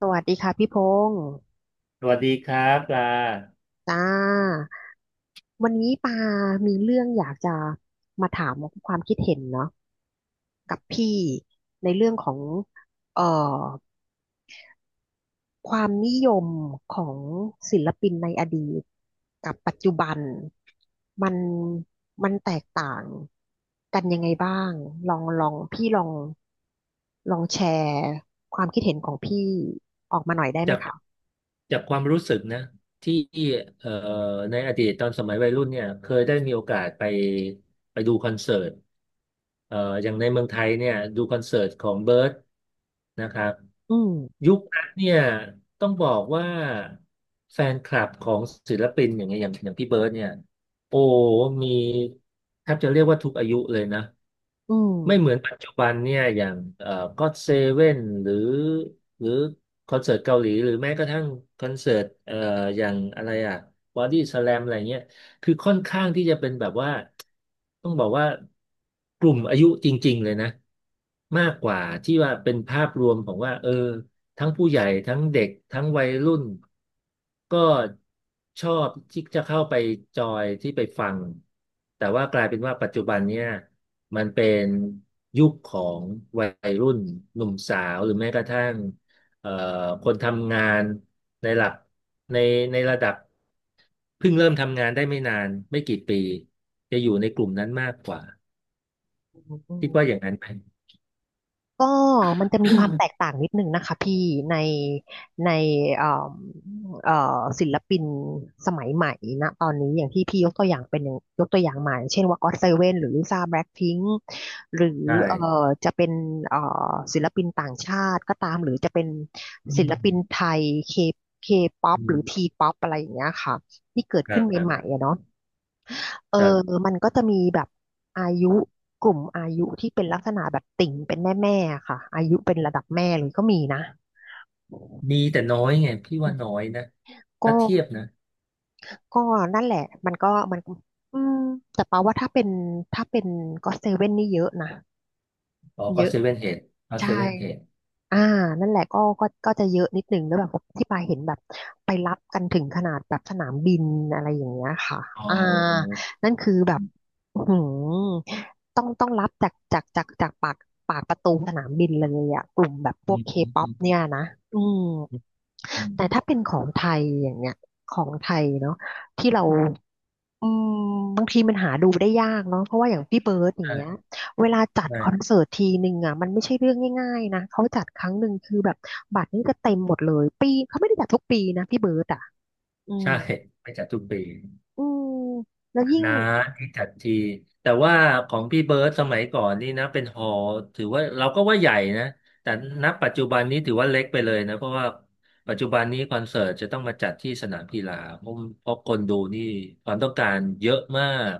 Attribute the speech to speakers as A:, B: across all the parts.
A: สวัสดีค่ะพี่พงษ์
B: สวัสดีครับปลา
A: จ้าวันนี้ปามีเรื่องอยากจะมาถามความคิดเห็นเนาะกับพี่ในเรื่องของเอ่อความนิยมของศิลปินในอดีตกับปัจจุบันมันมันแตกต่างกันยังไงบ้างลองลองพี่ลองลองแชร์ความคิดเห็นของพี่ออกมาหน่อยได้ไห
B: จา
A: ม
B: ก
A: คะ
B: จากความรู้สึกนะที่เอ่อในอดีตตอนสมัยวัยรุ่นเนี่ยเคยได้มีโอกาสไปดูคอนเสิร์ตเอ่ออย่างในเมืองไทยเนี่ยดูคอนเสิร์ตของเบิร์ดนะครับ
A: อืม
B: ยุคนั้นเนี่ยต้องบอกว่าแฟนคลับของศิลปินอย่างเงี้ยอย่างพี่เบิร์ดเนี่ยโอ้มีแทบจะเรียกว่าทุกอายุเลยนะ
A: อืม
B: ไม่เหมือนปัจจุบันเนี่ยอย่างก็เซเว่นหรือหรือคอนเสิร์ตเกาหลีหรือแม้กระทั่งคอนเสิร์ตอย่างอะไรอ่ะบอดี้สแลมอะไรเงี้ยคือค่อนข้างที่จะเป็นแบบว่าต้องบอกว่ากลุ่มอายุจริงๆเลยนะมากกว่าที่ว่าเป็นภาพรวมของว่าเออทั้งผู้ใหญ่ทั้งเด็กทั้งวัยรุ่นก็ชอบที่จะเข้าไปจอยที่ไปฟังแต่ว่ากลายเป็นว่าปัจจุบันเนี่ย มันเป็นยุคของวัยรุ่นหนุ่มสาวหรือแม้กระทั่งเอ่อคนทำงานในหลักในในระดับเพิ่งเริ่มทำงานได้ไม่นานไม่กี่ปีจะอยู่ในกลุ่มนั้นมากกว่า
A: อื
B: คิดว่าอ
A: ม
B: ย่างนั้นไหม
A: ก็มันจะมีความแตกต่างนิดนึงนะคะพี่ในในเอ่อเอ่ศิลปินสมัยใหม่นะตอนนี้อย่างที่พี่ยกตัวอย่างเป็นอย่างยกตัวอย่างมาอย่างเช่นว่าก็ o เซเว่นหรือลิซ่าแบล็คพิงค์หรือ
B: ใช่
A: เอ่อจะเป็นศิลปินต่างชาติก็ตามหรือจะเป็น
B: อื
A: ศิลปิน
B: ม
A: ไทยเคเคป๊อป
B: อื
A: หรื
B: ม
A: อทีป๊อปอะไรอย่างเงี้ยค่ะที่เกิด
B: ครั
A: ขึ้นใหม่
B: บ
A: ๆอะเนาะ เอ
B: ค
A: อ
B: รับ
A: มันก็จะมีแบบอายุกลุ่มอายุที่เป็นลักษณะแบบติ่งเป็นแม่แม่ค่ะอายุเป็นระดับแม่เลยก็มีนะ
B: มีแต่น้อยไงพี่
A: อื
B: ว่าน้อ
A: ม
B: ยนะ
A: ก็
B: ถ้าเทียบนะ
A: ก็นั่นแหละมันอืมแต่ปาว่าถ้าเป็นก็เซเว่นนี่เยอะนะ
B: อ๋อ
A: เย
B: ก็
A: อะ
B: เซเว่นเฮดเอาเซ
A: ใช่
B: เว่นเฮด
A: อ่านั่นแหละก็จะเยอะนิดหนึ่งแล้วแบบที่ปาเห็นแบบไปรับกันถึงขนาดแบบสนามบินอะไรอย่างเงี้ยค่ะ
B: อ๋อ
A: อ่านั่นคือแบบอื้อหือต้องรับจากปากปากประตูสนามบินเลยอะกลุ่มแบบพ
B: อื
A: วก
B: ม
A: เค
B: อืม
A: ป๊อ
B: อื
A: ป
B: ม
A: เนี่ยนะอืม
B: อื
A: แต่
B: ม
A: ถ้าเป็นของไทยอย่างเงี้ยของไทยเนาะที่เราอืมบางทีมันหาดูได้ยากเนาะเพราะว่าอย่างพี่เบิร์ดอย่างเงี้ย
B: ใช่
A: เวลาจัด
B: ใช่
A: คอนเสิร์ตทีหนึ่งอ่ะมันไม่ใช่เรื่องง่ายๆนะเขาจัดครั้งหนึ่งคือแบบบัตรนี่ก็เต็มหมดเลยปีเขาไม่ได้จัดทุกปีนะพี่เบิร์ดอ่ะอืม
B: ใช่ไปจัดทุกปี
A: อืมแล้วยิ่ง
B: นะที่จัดทีแต่ว่าของพี่เบิร์ดสมัยก่อนนี่นะเป็นหอถือว่าเราก็ว่าใหญ่นะแต่ณปัจจุบันนี้ถือว่าเล็กไปเลยนะเพราะว่าปัจจุบันนี้คอนเสิร์ตจะต้องมาจัดที่สนามกีฬาเพราะเพราะคนดูนี่ความต้องการเยอะมาก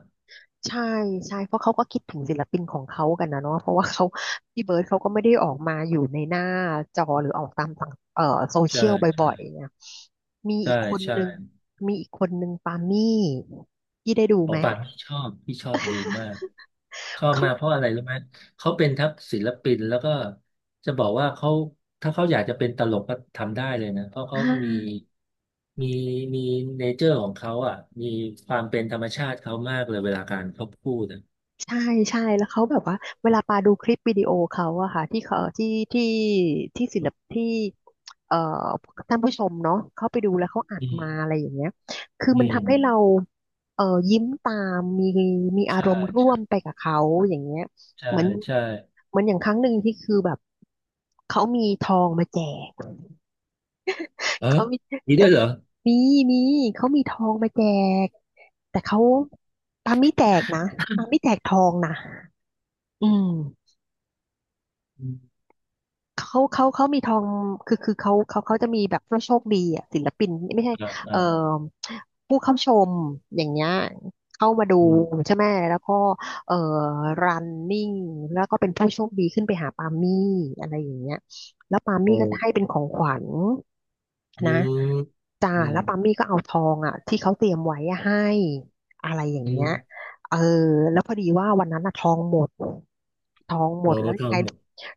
A: ใช่ใช่เพราะเขาก็คิดถึงศิลปินของเขากันนะเนาะเพราะว่าเขาพี่เบิร์ดเขาก็ไม่ได้ออกมาอยู่ในหน้าจอหรือออกตามต่างโซ
B: ใช่
A: เชียลบ่อย
B: ใช่
A: ๆเนี่ยมีอี
B: ใช่
A: กคน
B: ใช่
A: นึงมีอีกคนนึงปามี่พี่ได้ดู
B: หม
A: ไห
B: อ
A: ม
B: ปลาพี่ชอบพี่ชอบดูมาก ชอบ
A: เขา
B: มากเพราะอะไรรู้ไหมเขาเป็นทั้งศิลปินแล้วก็จะบอกว่าเขาถ้าเขาอยากจะเป็นตลกก็ทำได้เลยนะเพราะเขา
A: อ่
B: มี
A: า
B: มีมีเนเจอร์ของเขาอ่ะมีความเป็นธรรมชาติเขามากเลยเวลาการเขาพูดอะ
A: ใช่ใช่แล้วเขาแบบว่าเวลาปาดูคลิปวิดีโอเขาอะค่ะที่เขาที่ที่ที่ศิลปที่เอ่อท่านผู้ชมเนาะเขาไปดูแล้วเขาอัด
B: อื
A: มา
B: ม
A: อะไรอย่างเงี้ยคือ
B: อื
A: มันทำให้เรา
B: ม
A: เอ่อยิ้มตามมีอา
B: ใช่
A: รมณ์ร่ว
B: ใช่
A: มไปกับเขาอย่างเงี้ย
B: ใช่
A: เหมือน
B: ใช่
A: เหมือนอย่างครั้งหนึ่งที่คือแบบเขามีทองมาแจก
B: เออ
A: เขามี
B: มีด้วยเหรอ
A: มีมีเขามีทองมาแจกแต่เขาปาไม่แจกนะปาไม่แจกทองนะอืม
B: อืม
A: เขามีทองคือคือเขาจะมีแบบผู้โชคดีอ่ะศิลปินไม่ใช่
B: อ่า
A: เอ่
B: อ่า
A: อผู้เข้าชมอย่างเงี้ยเข้ามาดู
B: อืม
A: ใช่ไหมแล้วก็เอ่อรันนิ่งแล้วก็เป็นผู้โชคดีขึ้นไปหาปามี่อะไรอย่างเงี้ยแล้วปามี่
B: โอ้
A: ก็จะให้เป็นของขวัญ
B: อื
A: นะ
B: ม
A: จ้า
B: อืม
A: แล้วปามี่ก็เอาทองอ่ะที่เขาเตรียมไว้อะให้อะไรอย่าง
B: อื
A: เงี้ย
B: ม
A: เออแล้วพอดีว่าวันนั้นอะทองหมด ท้องหม
B: โอ้
A: ดแล้ว
B: ท
A: ยั
B: อ
A: งไง
B: ง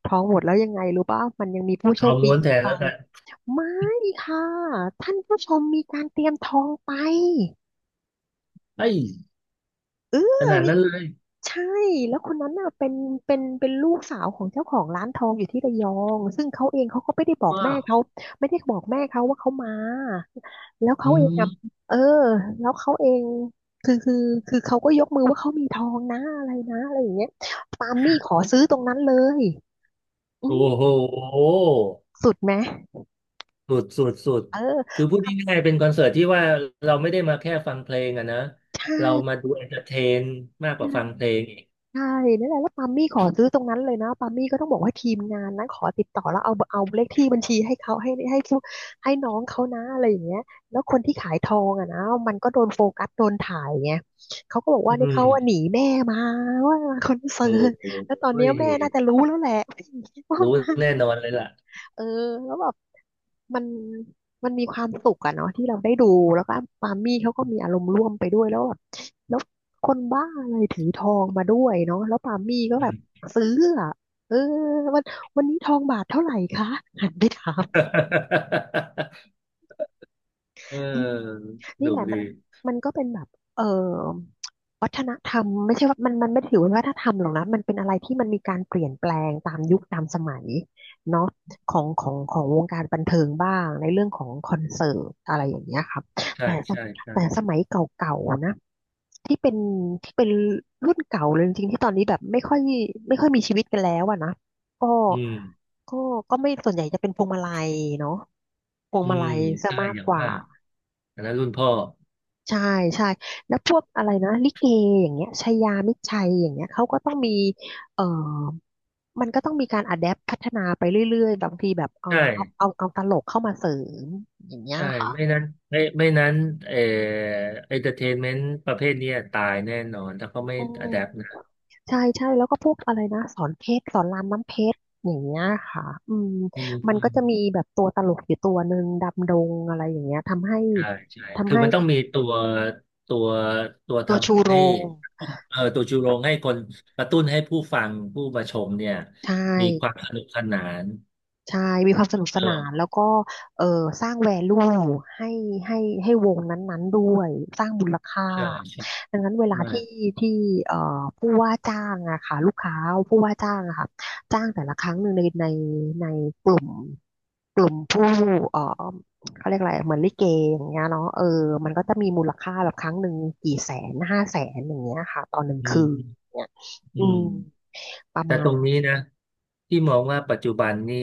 A: ท้องหมดแล้วยังไงรู้ป่ะมันยังมีผู้
B: ท
A: โช
B: อ
A: ค
B: ง
A: ดี
B: ม้วน
A: อี
B: แท
A: ก
B: น
A: ไป
B: แล้วกัน
A: ไม่ค่ะท่านผู้ชมมีการเตรียมท้องไป
B: ไอ้ย
A: เออ
B: ขนาดนั้นเลย
A: ใช่แล้วคนนั้นน่ะเป็นเป็นลูกสาวของเจ้าของร้านทองอยู่ที่ระยองซึ่งเขาเองเขาก็ไม่ได้บอก
B: ว้า
A: แม่
B: ว
A: เขาไม่ได้บอกแม่เขาว่าเขามาแล้ว
B: อื
A: เขาเอง
B: ม
A: อะเออแล้วเขาเองคือคือคือเขาก็ยกมือว่าเขามีทองนะอะไรนะอะไรอย่างเงี้ยปาล์มมี่ขอซื้อตรงนั้นเลยอื
B: โอ้
A: ม
B: โห
A: สุดไหม
B: สุดสุดสุด
A: เออ
B: คือพูด
A: ปา
B: ง่ายๆเป็นคอนเสิร์ตที่ว่าเราไม่ได้มาแค่ฟังเพลงอะนะ
A: ใช
B: เรามา
A: ่
B: ดูเอนเตอร์เทนมากกว่าฟัง
A: ใช่
B: เพลงอีก
A: ใช่นั่นแหละแล้วปามี่ขอซื้อตรงนั้นเลยนะปามี่ก็ต้องบอกว่าทีมงานนั้นขอติดต่อแล้วเอาเลขที่บัญชีให้เขาให้น้องเขานะอะไรอย่างเงี้ยแล้วคนที่ขายทองอ่ะนะมันก็โดนโฟกัสโดนถ่ายไงเขาก็บอก
B: อื
A: ว่าเนี่ยเขาว่าห
B: ม
A: นีแม่มาว่ามาคอนเสิ
B: โอ้
A: ร์ต
B: โห
A: แล้วตอน
B: เฮ้
A: เนี้ย
B: ย
A: แม่น่าจะรู้แล้วแหละ ว่า
B: รู้
A: มา
B: แน่นอนเลยล่ะ
A: เออแล้วแบบ มันมันมีความสุขอะเนาะที่เราได้ดูแล้วก็ปามี่เขาก็มีอารมณ์ร่วมไปด้วยแล้วแบบแล้วคนบ้าอะไรถือทองมาด้วยเนาะแล้วปามี่ก็แบบซื้ออะเออวันวันนี้ทองบาทเท่าไหร่คะหันไปถาม
B: เออ
A: อืม
B: ส
A: นี่
B: นุ
A: แห
B: ก
A: ละ
B: ดี
A: มันก็เป็นแบบเอ่อวัฒนธรรมไม่ใช่ว่ามันไม่ได้ถือว่าวัฒนธรรมหรอกนะมันเป็นอะไรที่มันมีการเปลี่ยนแปลงตามยุคตามสมัยเนาะของวงการบันเทิงบ้างในเรื่องของคอนเสิร์ตอะไรอย่างเงี้ยครับ
B: ใช่
A: แต่ส
B: ใช่ใช่
A: แต่สมัยเก่าๆนะที่เป็นที่เป็นรุ่นเก่าเลยจริงๆที่ตอนนี้แบบไม่ค่อยมีชีวิตกันแล้วอะนะก็
B: อืม
A: ก็ก็ไม่ส่วนใหญ่จะเป็นพวงมาลัยเนาะพวง
B: อื
A: มาลั
B: ม
A: ยซะ
B: ใช่
A: มาก
B: อย่าง
A: กว่า
B: มากอันนั้นรุ่นพ่อ
A: ใช่ใช่แล้วพวกอะไรนะลิเกอย่างเงี้ยชายามิตรชัยอย่างเงี้ยเขาก็ต้องมีเอ่อมันก็ต้องมีการอะแดปพัฒนาไปเรื่อยๆบางทีแบบ
B: ใช่
A: เอาตลกเข้ามาเสริมอย่างเงี้ย
B: ใช่
A: ค่ะ
B: ไม่นั้นไม่นั้นเอ่อเอนเตอร์เทนเมนต์ประเภทเนี้ยตายแน่นอนถ้าเขาไม่
A: อืม
B: อะแดป
A: ใช่ใช่แล้วก็พวกอะไรนะสอนเพชรสอนรามน้ำเพชรอย่างเงี้ยค่ะอืม
B: อืม
A: มัน
B: อื
A: ก็
B: ม
A: จะมีแบบตัวตลกอยู่ตัวหนึ่งดำดงอะไรอย่างเงี้ยทำให้
B: ใช่ใช่คื
A: ทำ
B: อ
A: ให้
B: มันต้องมีตัวตัวตัว
A: ตัวชู
B: ทำ
A: โร
B: ให้
A: ง
B: เออตัวจูโรงให้คนกระตุ้นให้ผู้ฟังผู้มาชมเนี่ย
A: ใช่
B: มีความสนุกสนาน
A: ใช่มีความสนุกส
B: เติ
A: นา
B: ม
A: นแล้วก็เออสร้างแวลูให้ให้ให้วงนั้นๆด้วยสร้างมูลค่า
B: ใช่ใช่
A: ดังนั้นเวลา
B: ใช่
A: ที่ที่เอ่อผู้ว่าจ้างอะค่ะลูกค้าผู้ว่าจ้างอะค่ะจ้างแต่ละครั้งหนึ่งในกลุ่มกลุ่มผู้เอ่อเขาเรียกอะไรเหมือนลิเกอย่างเงี้ยเนาะเออมันก็จะมีมูลค่าแบบครั้งหนึ่งกี่แสน500,000อย่างเงี้ยค่ะตอนหนึ่ง
B: อืม
A: คื
B: อื
A: น
B: ม
A: เนี่ย
B: อื
A: อื
B: ม
A: มประ
B: แต่
A: มา
B: ต
A: ณ
B: รงนี้นะที่มองว่าปัจจุบันนี่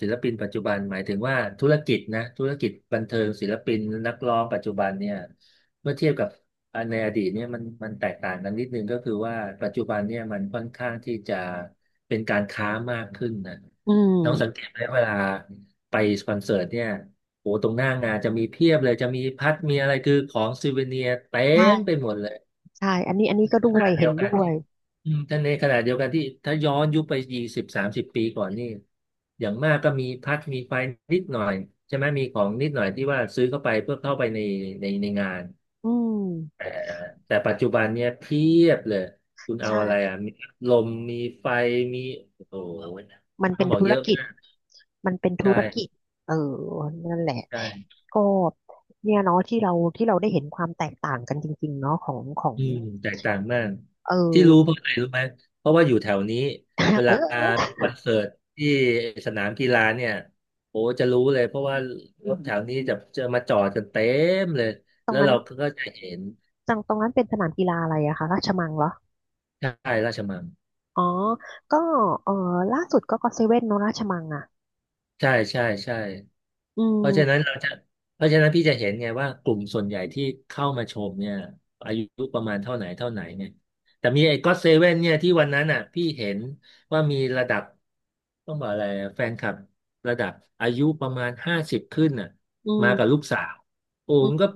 B: ศิลปินปัจจุบันหมายถึงว่าธุรกิจนะธุรกิจบันเทิงศิลปินนักร้องปัจจุบันเนี่ยเมื่อเทียบกับอันในอดีตเนี่ยมันมันแตกต่างกันนิดนึงก็คือว่าปัจจุบันเนี่ยมันค่อนข้างที่จะเป็นการค้ามากขึ้นนะ
A: อื
B: น้องสังเก
A: ม
B: ตไหมเวลาไปคอนเสิร์ตเนี่ยโอ้ตรงหน้างานจะมีเพียบเลยจะมีพัดมีอะไรคือของซูเวเนียเต็
A: ใช่
B: มไปหมดเลย
A: ใช่อันนี้ก็ด้ว
B: ข
A: ย
B: ณะเดี
A: เห็
B: ย
A: น
B: วกัน
A: ด้ว
B: ที่
A: ย
B: อืมแต่ในขณะเดียวกันที่ถ้าย้อนยุคไป20-30 ปีก่อนนี่อย่างมากก็มีพัดมีไฟนิดหน่อยใช่ไหมมีของนิดหน่อยที่ว่าซื้อเข้าไปเพื่อเข้าไปในในงาน
A: อืม
B: แต่แต่ปัจจุบันเนี่ยเพียบเลยคุณเอา
A: ใช่
B: อะไรอ่ะมีลมมีไฟมีโอ้โห
A: มัน
B: ต้
A: เป็
B: อง
A: น
B: บอก
A: ธุ
B: เย
A: ร
B: อะ
A: กิจ
B: มาก
A: มันเป็นธุรกิจ
B: ใช่
A: เออนั่นแหละ
B: ใช่
A: ก็เนี่ยเนาะที่เราได้เห็นความแตกต่างกันจริงๆเนาะของ
B: อืมแตกต่างมาก
A: เอ
B: ที่
A: อ
B: รู้เพราะอะไรรู้ไหมเพราะว่าอยู่แถวนี้เว
A: เ
B: ลา
A: ออ
B: มีคอนเสิร์ตที่สนามกีฬาเนี่ยโอ้จะรู้เลยเพราะว่ารถแถวนี้จะจะมาจอดกันเต็มเลย
A: ตร
B: แล้
A: ง
B: ว
A: นั้น
B: เราก็จะเห็น
A: จังตรงนั้นเป็นสนามกีฬาอะไรอะคะราชมังเหรอ
B: ใช่ราชมัง
A: อ๋อก็เออล่าสุดก็เซเว่นเนาะราชมังอะ
B: ใช่ใช่ใช่
A: อื
B: เพราะฉะนั้น
A: ม
B: เราจะเพราะฉะนั้นพี่จะเห็นไงว่ากลุ่มส่วนใหญ่ที่เข้ามาชมเนี่ยอายุประมาณเท่าไหนเท่าไหนเนี่ยแต่มีไอ้ก็อตเซเว่นเนี่ยที่วันนั้นอ่ะพี่เห็นว่ามีระดับต้องบอกอะไรอะแฟนคลับระดับอายุประมาณ50ขึ้นน่ะ
A: อืม
B: มากับลูกสาวโอ้
A: อื
B: มันก็
A: ม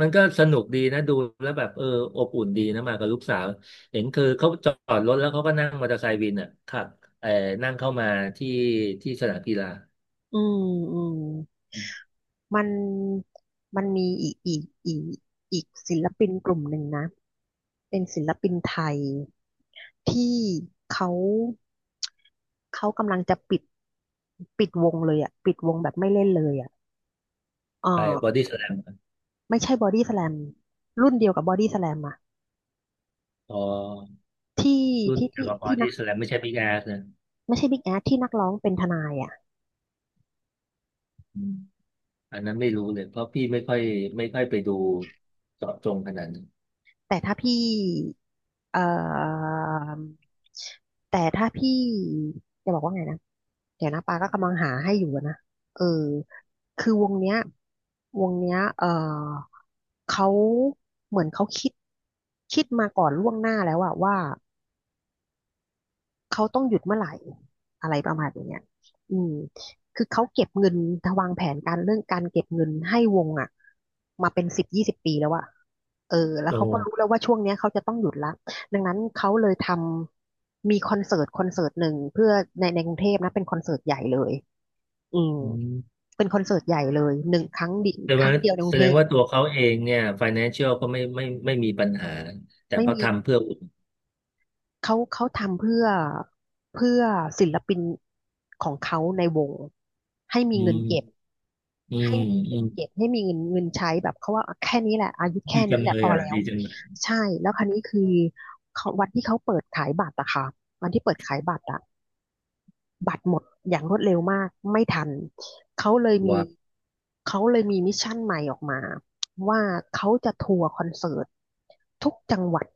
B: มันก็สนุกดีนะดูแล้วแบบเอออบอุ่นดีนะมากับลูกสาวเห็นคือเขาจอดรถแล้วเขาก็นั่งมอเตอร์ไซค์วินอ่ะขับเออนั่งเข้ามาที่ที่สนามกีฬา
A: อืมอืม มันมันมีอีกศิลปินกลุ่มหนึ่งนะเป็นศิลปินไทยที่เขาเขากำลังจะปิดวงเลยอ่ะปิดวงแบบไม่เล่นเลยอ่ะเออ
B: ไปบอดี้สแลม
A: ไม่ใช่บอดี้สแลมรุ่นเดียวกับบอดี้สแลมอ่ะ
B: อ๋อ
A: ที่
B: รุ่น
A: ที่
B: เกียว
A: ที่
B: กับ b
A: ที่
B: ที่แส a มไม่ใช่บิ๊กแอสนะ
A: ไม่ใช่บิ๊กแอสที่นักร้องเป็นทนายอ่ะ
B: อืมอันนั้นไม่รู้เลยเพราะพี่ไม่ค่อยไม่ค่อยไปดูเจาะจงขนาดนั้น
A: แต่ถ้าพี่เอ่อแต่ถ้าพี่จะบอกว่าไงนะ เดี๋ยวนะปาก็กำลังหาให้อยู่อะนะเออคือวงเนี้ยเขาเหมือนเขาคิดมาก่อนล่วงหน้าแล้วอะว่า เขาต้องหยุดเมื่อไหร่อะไรประมาณอย่างเงี้ยอืมคือเขาเก็บเงินวางแผนการเรื่องการเก็บเงินให้วงอ่ะมาเป็นสิบยี่สิบปีแล้วอะเออแล้ว
B: โต
A: เขาก็รู้แล้วว่าช่วงเนี้ยเขาจะต้องหยุดละดังนั้นเขาเลยมีคอนเสิร์ตหนึ่งเพื่อในกรุงเทพนะเป็นคอนเสิร์ตใหญ่เลยอืม
B: อืม
A: เป็นคอนเสิร์ตใหญ่เลยหนึ่งครั้งดิ
B: แต่
A: ค
B: ว่า
A: รั้งเดียวในก
B: แส
A: รุง
B: ด
A: เท
B: ง
A: พ
B: ว่าตัวเขาเองเนี่ย financial ก็ไม่ไม่มีปัญหาแต่
A: ไม่
B: เขา
A: มี
B: ทำเพื่ออุ่น
A: เขาทำเพื่อเพื่อศิลปินของเขาในวงให้มี
B: อื
A: เงินเก็บ
B: มอืมอืม
A: ให้มีเงินใช้แบบเขาว่าแค่นี้แหละอายุ
B: ดี
A: แค่
B: จั
A: นี้
B: ง
A: แห
B: เล
A: ละพ
B: ย
A: อ
B: อ่ะ
A: แล้ว
B: ดีจังเลย
A: ใช่แล้วคราวนี้คือเขาวันที่เขาเปิดขายบัตรอะค่ะวันที่เปิดขายบัตรอะบัตรหมดอย่างรวดเร็วมากไม่ทันเขาเลยมี
B: ว้าว
A: เขาเลยมีมิชชั่นใหม่ออกมาว่าเขาจะทัวร์คอนเสิร์ตทุกจังหวัด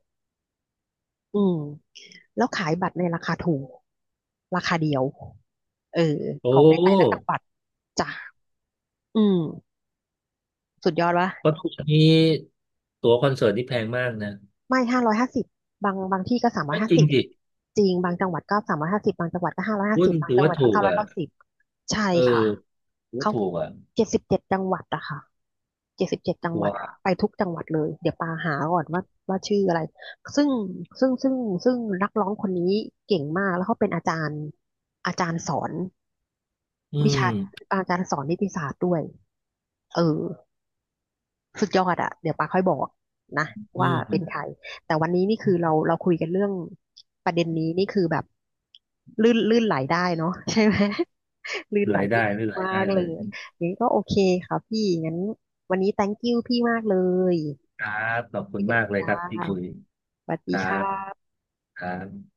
A: อืม แล้วขายบัตรในราคาถูกราคาเดียวเออ
B: โอ้
A: ของในแต่ละจังหวัดจ้ะอืมสุดยอดวะ
B: เพราะทุกวันนี้ตั๋วคอนเสิร์ตนี่แพงมากนะ
A: ไม่ห้าร้อยห้าสิบบางที่ก็สามร้อย
B: ไม่
A: ห้า
B: จริง
A: สิบ
B: ดิ
A: จริงบางจังหวัดก็สามร้อยห้าสิบบางจังหวัดก็ห้าร้อยห้า
B: รุ่
A: สิ
B: น
A: บบาง
B: ถือ
A: จังห
B: ว่า
A: วัดก็
B: ถูก
A: เก้าร้อย
B: อ่ะ
A: เก้าสิบใช่
B: เออ
A: ค่ะ
B: ถือว่า
A: เขา
B: ถูกอ่ะ
A: เจ็ดสิบเจ็ดจังหวัดอะค่ะเจ็ดสิบเจ็ดจังหวัด
B: ว้า
A: อะ
B: ว
A: ไปทุกจังหวัดเลยเดี๋ยวปาหาก่อนว่าว่าชื่ออะไรซึ่งซึ่งซึ่งซึ่งนักร้องคนนี้เก่งมากแล้วเขาเป็นอาจารย์สอน
B: อื
A: วิ
B: ม
A: ชาอาจารย์สอนนิติศาสตร์ด้วยเออสุดยอดอะเดี๋ยวปาค่อยบอกนะ
B: อื
A: ว่าเป็นใคร
B: ม
A: แต่วันนี้นี่คือเราคุยกันเรื่องประเด็นนี้นี่คือแบบลื่นไหลได้เนาะ ใช่ไหม ลื่นไหล
B: ราย
A: ได้
B: ได้
A: ดี
B: ไม่ราย
A: มา
B: ได้
A: กเล
B: เลย
A: ยอย่างนี้ก็โอเคค่ะพี่งั้นวันนี้ thank you พี่มากเลย
B: ครับขอบคุ
A: คุย
B: ณ
A: กัน
B: มากเลย
A: จ้า
B: ครับที่คุย
A: สวัส
B: ค
A: ดี
B: รั
A: ค
B: บ
A: ่ะ
B: ครับ